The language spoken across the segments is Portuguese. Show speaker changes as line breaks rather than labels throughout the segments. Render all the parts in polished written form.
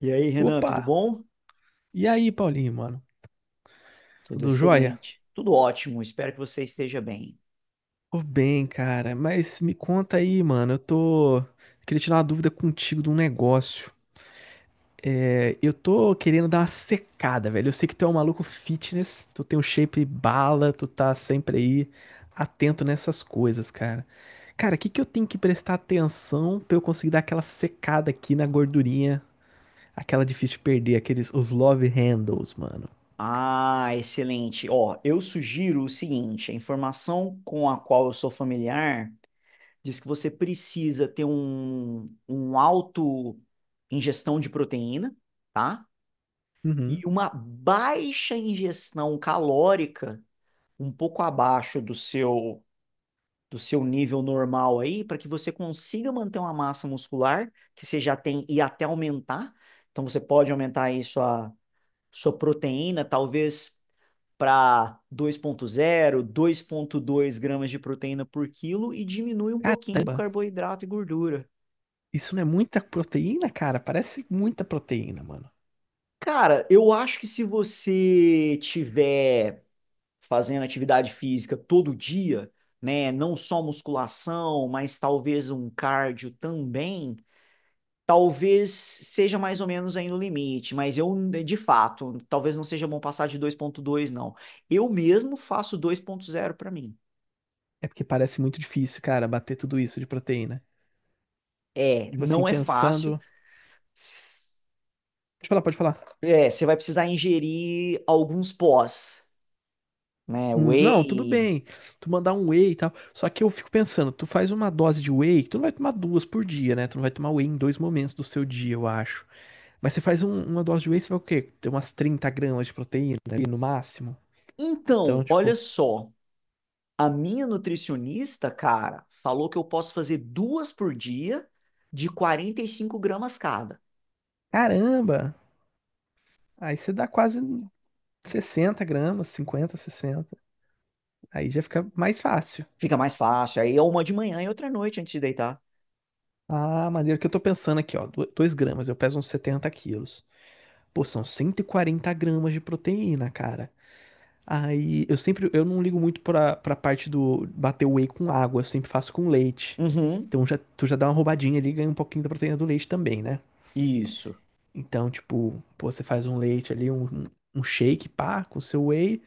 E aí, Renan,
Opa!
tudo bom?
E aí, Paulinho, mano?
Tudo
Tudo jóia?
excelente. Tudo ótimo, espero que você esteja bem.
Tô bem, cara, mas me conta aí, mano. Eu tô. Queria tirar uma dúvida contigo de um negócio. É, eu tô querendo dar uma secada, velho. Eu sei que tu é um maluco fitness, tu tem um shape bala, tu tá sempre aí atento nessas coisas, cara. Cara, o que que eu tenho que prestar atenção pra eu conseguir dar aquela secada aqui na gordurinha, aquela difícil de perder, aqueles os love handles, mano?
Ah, excelente. Ó, eu sugiro o seguinte: a informação com a qual eu sou familiar diz que você precisa ter um alto ingestão de proteína, tá? E
Uhum.
uma baixa ingestão calórica, um pouco abaixo do seu nível normal aí, para que você consiga manter uma massa muscular que você já tem e até aumentar. Então você pode aumentar aí sua proteína, talvez para 2.0, dois gramas de proteína por quilo e diminui um pouquinho no
Caramba!
carboidrato e gordura.
Isso não é muita proteína, cara? Parece muita proteína, mano.
Cara, eu acho que se você tiver fazendo atividade física todo dia, né, não só musculação, mas talvez um cardio também, talvez seja mais ou menos aí no limite, mas eu, de fato, talvez não seja bom passar de dois ponto dois não. Eu mesmo faço dois ponto zero para mim.
É porque parece muito difícil, cara, bater tudo isso de proteína.
É,
Tipo assim,
não é fácil.
pensando. Pode falar.
É, você vai precisar ingerir alguns pós, né?
Não, tudo
Whey.
bem. Tu mandar um whey e tal. Só que eu fico pensando, tu faz uma dose de whey, tu não vai tomar duas por dia, né? Tu não vai tomar whey em dois momentos do seu dia, eu acho. Mas você faz uma dose de whey, você vai o quê? Ter umas 30 gramas de proteína ali no máximo. Então,
Então, olha
tipo,
só, a minha nutricionista, cara, falou que eu posso fazer duas por dia de 45 gramas cada.
caramba! Aí você dá quase 60 gramas, 50, 60. Aí já fica mais fácil.
Fica mais fácil. Aí é uma de manhã e outra à noite antes de deitar.
Ah, maneiro que eu tô pensando aqui, ó. Dois gramas, eu peso uns 70 quilos. Pô, são 140 gramas de proteína, cara. Eu não ligo muito pra parte do bater o whey com água, eu sempre faço com leite.
Uhum.
Então já, tu já dá uma roubadinha ali e ganha um pouquinho da proteína do leite também, né?
Isso.
Então, tipo, pô, você faz um leite ali, um shake, pá, com seu whey.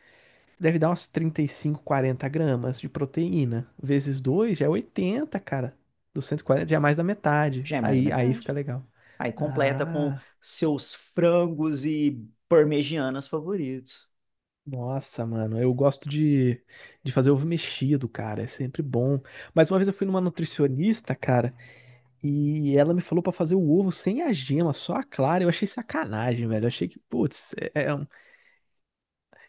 Deve dar uns 35, 40 gramas de proteína. Vezes 2 já é 80, cara. Dos 140 já é mais da metade.
Já é mais da
Aí fica
metade.
legal.
Aí completa com
Ah,
seus frangos e parmegianas favoritos.
nossa, mano. De fazer ovo mexido, cara. É sempre bom. Mas uma vez eu fui numa nutricionista, cara, e ela me falou pra fazer o ovo sem a gema, só a clara. Eu achei sacanagem, velho. Eu achei que, putz,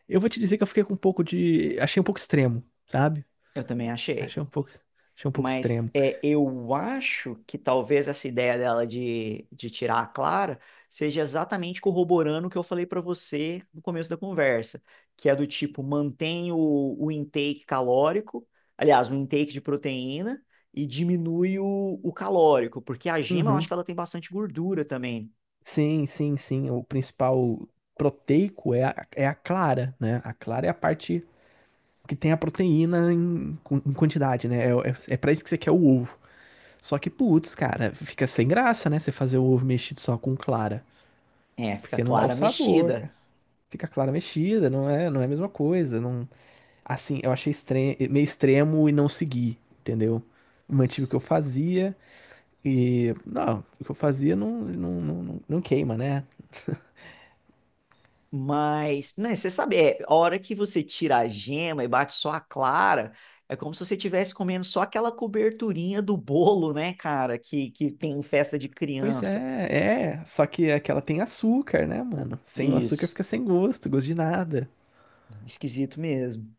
eu vou te dizer que eu fiquei com um pouco de. Achei um pouco extremo, sabe?
Eu também achei.
Achei um pouco, achei um pouco
Mas
extremo.
é, eu acho que talvez essa ideia dela de tirar a Clara seja exatamente corroborando o que eu falei pra você no começo da conversa, que é do tipo, mantém o intake calórico, aliás, o intake de proteína, e diminui o calórico, porque a gema eu acho
Uhum.
que ela tem bastante gordura também.
Sim. O principal proteico é a clara, né? A clara é a parte que tem a proteína em, em quantidade, né? É para isso que você quer o ovo. Só que, putz, cara, fica sem graça, né? Você fazer o ovo mexido só com clara.
É, fica
Porque não dá o
Clara
sabor, cara.
mexida.
Fica clara mexida, não é a mesma coisa. Não. Assim, eu achei meio extremo e não segui, entendeu? Mantive o que eu fazia e. Não, o que eu fazia não, não queima, né?
Mas, né, você sabe, é, a hora que você tira a gema e bate só a clara, é como se você estivesse comendo só aquela coberturinha do bolo, né, cara, que tem em festa de
Pois
criança.
é. Só que é que ela tem açúcar, né, mano? Sem o açúcar
Isso,
fica sem gosto, gosto de nada.
esquisito mesmo.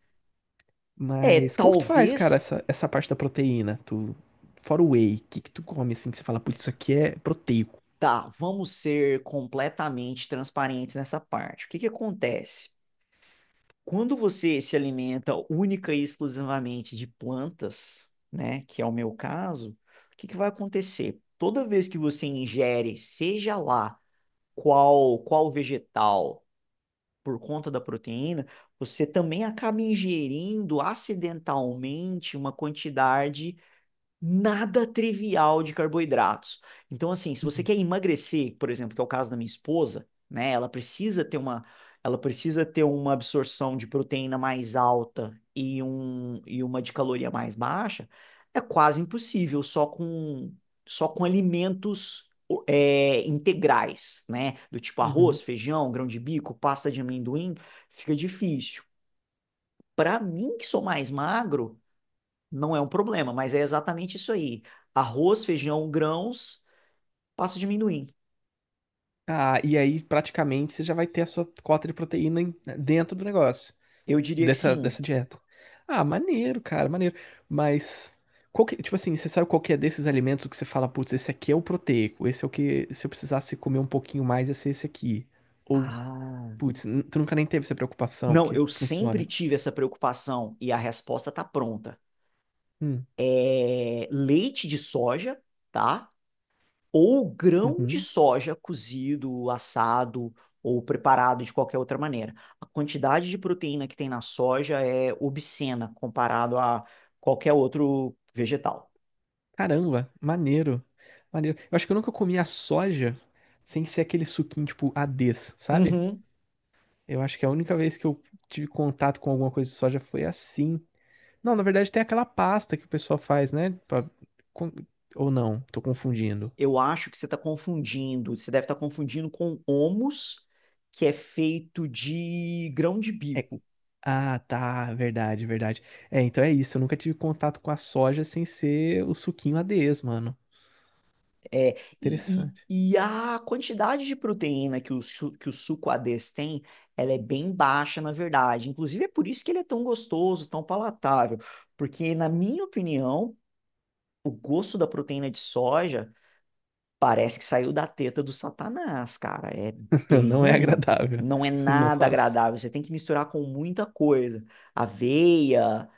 É,
Mas como que tu faz, cara,
talvez,
essa parte da proteína? Tu, fora o whey, o que que tu come assim que você fala, putz, isso aqui é proteico?
tá, vamos ser completamente transparentes nessa parte. O que que acontece? Quando você se alimenta única e exclusivamente de plantas, né, que é o meu caso, o que que vai acontecer? Toda vez que você ingere, seja lá qual vegetal, por conta da proteína, você também acaba ingerindo acidentalmente uma quantidade nada trivial de carboidratos. Então, assim, se você
Uhum.
quer emagrecer, por exemplo, que é o caso da minha esposa, né? Ela precisa ter uma, ela precisa ter uma absorção de proteína mais alta e, e uma de caloria mais baixa. É quase impossível só com alimentos é, integrais, né? Do tipo
Uhum.
arroz, feijão, grão de bico, pasta de amendoim, fica difícil. Para mim, que sou mais magro, não é um problema, mas é exatamente isso aí. Arroz, feijão, grãos, passa a diminuir.
Ah, e aí praticamente você já vai ter a sua cota de proteína dentro do negócio.
Eu diria que
Dessa,
sim.
dessa dieta. Ah, maneiro, cara, maneiro. Mas, tipo assim, você sabe qual que é desses alimentos que você fala, putz, esse aqui é o proteico, esse é o que, se eu precisasse comer um pouquinho mais, ia ser esse aqui. Ou,
Ah,
putz, tu nunca nem teve essa preocupação,
não,
porque
eu sempre
funciona.
tive essa preocupação e a resposta tá pronta.
Hum,
É leite de soja, tá? Ou grão de
uhum.
soja cozido, assado ou preparado de qualquer outra maneira. A quantidade de proteína que tem na soja é obscena comparado a qualquer outro vegetal.
Caramba, maneiro. Eu acho que eu nunca comi a soja sem ser aquele suquinho, tipo, Ades, sabe?
Uhum.
Eu acho que a única vez que eu tive contato com alguma coisa de soja foi assim. Não, na verdade tem aquela pasta que o pessoal faz, né? Com- Ou não, tô confundindo.
Eu acho que você está confundindo. Você deve estar confundindo com homus, que é feito de grão de
É-
bico.
Ah, tá, verdade. É, então é isso. Eu nunca tive contato com a soja sem ser o suquinho ADES, mano.
É, e,
Interessante.
e- e a quantidade de proteína que que o suco a ADES tem, ela é bem baixa, na verdade. Inclusive, é por isso que ele é tão gostoso, tão palatável. Porque, na minha opinião, o gosto da proteína de soja parece que saiu da teta do Satanás, cara. É bem
Não é
ruim.
agradável.
Não é nada
Nossa.
agradável. Você tem que misturar com muita coisa. Aveia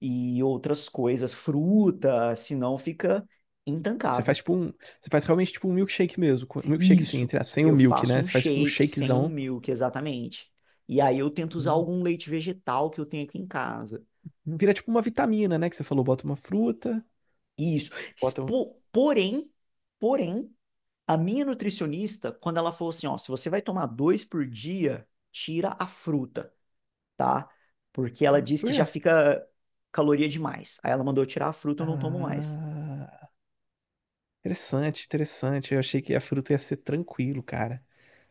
e outras coisas, fruta, senão fica
Você faz
intancável.
tipo um. Você faz realmente tipo um milkshake mesmo. Milkshake sim,
Isso,
entre, aspas, sem o
eu
milk,
faço
né?
um
Você faz tipo um
shake sem um
shakezão.
milk, exatamente. E aí eu tento usar
Hum.
algum leite vegetal que eu tenho aqui em casa.
Hum, vira tipo uma vitamina, né? Que você falou, bota uma fruta,
Isso.
bota. um-
Porém, porém, a minha nutricionista, quando ela falou assim, ó, se você vai tomar dois por dia, tira a fruta. Tá? Porque ela diz
Por
que já
quê?
fica caloria demais. Aí ela mandou eu tirar a fruta, eu não tomo mais.
Ah. Interessante. Eu achei que a fruta ia ser tranquilo, cara.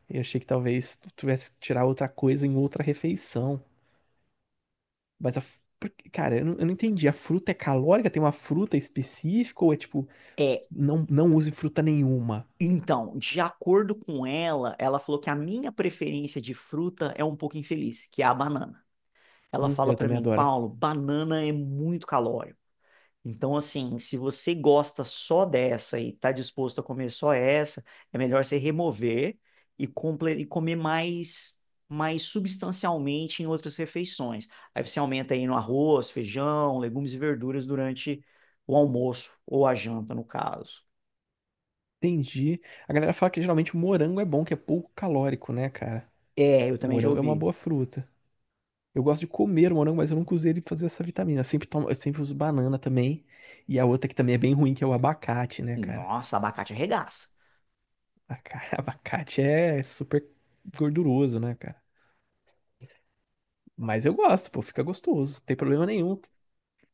Eu achei que talvez tu tivesse que tirar outra coisa em outra refeição. Mas a. f- por que- Cara, eu não entendi. A fruta é calórica? Tem uma fruta específica? Ou é tipo,
É,
não, não use fruta nenhuma?
então, de acordo com ela, ela falou que a minha preferência de fruta é um pouco infeliz, que é a banana. Ela fala
Eu
pra
também
mim,
adoro.
Paulo, banana é muito calórica. Então, assim, se você gosta só dessa e está disposto a comer só essa, é melhor você remover e, e comer mais, mais substancialmente em outras refeições. Aí você aumenta aí no arroz, feijão, legumes e verduras durante o almoço ou a janta, no caso.
Entendi. A galera fala que geralmente o morango é bom, que é pouco calórico, né, cara?
É, eu
O
também já
morango é uma
ouvi.
boa fruta. Eu gosto de comer o morango, mas eu nunca usei ele pra fazer essa vitamina. Eu sempre uso banana também. E a outra que também é bem ruim, que é o abacate, né, cara?
Nossa, abacate arregaça.
Abacate é super gorduroso, né, cara? Mas eu gosto, pô, fica gostoso, não tem problema nenhum.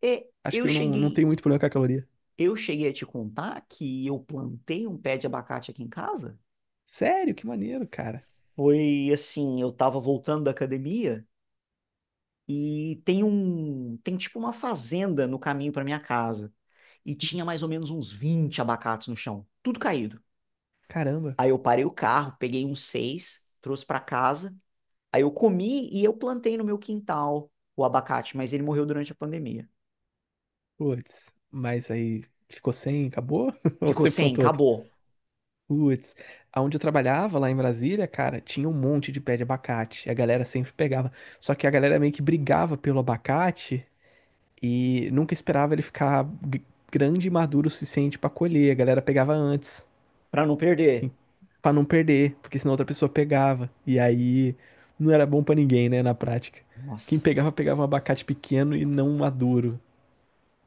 E
Acho que
eu
eu não, não
cheguei,
tenho muito problema com a caloria.
eu cheguei a te contar que eu plantei um pé de abacate aqui em casa?
Sério, que maneiro, cara.
Foi assim, eu tava voltando da academia. E tem um, tem tipo uma fazenda no caminho para minha casa. E tinha mais ou menos uns 20 abacates no chão, tudo caído.
Caramba.
Aí eu parei o carro, peguei uns seis, trouxe para casa. Aí eu comi e eu plantei no meu quintal o abacate, mas ele morreu durante a pandemia.
Putz, mas aí ficou sem, acabou? Ou
Ficou
você
sem,
plantou outro?
acabou,
Putz, aonde eu trabalhava lá em Brasília, cara, tinha um monte de pé de abacate. A galera sempre pegava. Só que a galera meio que brigava pelo abacate e nunca esperava ele ficar g- grande e maduro o suficiente pra colher. A galera pegava antes.
para não perder.
Pra não perder, porque senão outra pessoa pegava. E aí não era bom pra ninguém, né, na prática. Quem
Nossa,
pegava, pegava um abacate pequeno e não um maduro.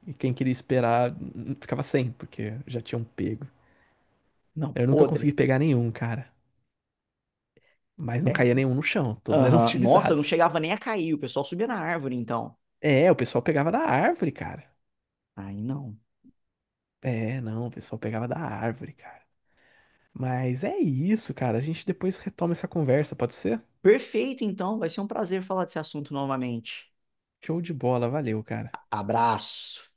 E quem queria esperar ficava sem, porque já tinham pego.
não,
Eu nunca consegui
podre.
pegar nenhum, cara. Mas não
É,
caía nenhum no chão, todos eram
aham. Nossa, não
utilizados.
chegava nem a cair, o pessoal subia na árvore, então.
É, o pessoal pegava da árvore, cara.
Aí não.
É, não, o pessoal pegava da árvore, cara. Mas é isso, cara. A gente depois retoma essa conversa, pode ser?
Perfeito, então, vai ser um prazer falar desse assunto novamente.
Show de bola, valeu, cara.
Abraço.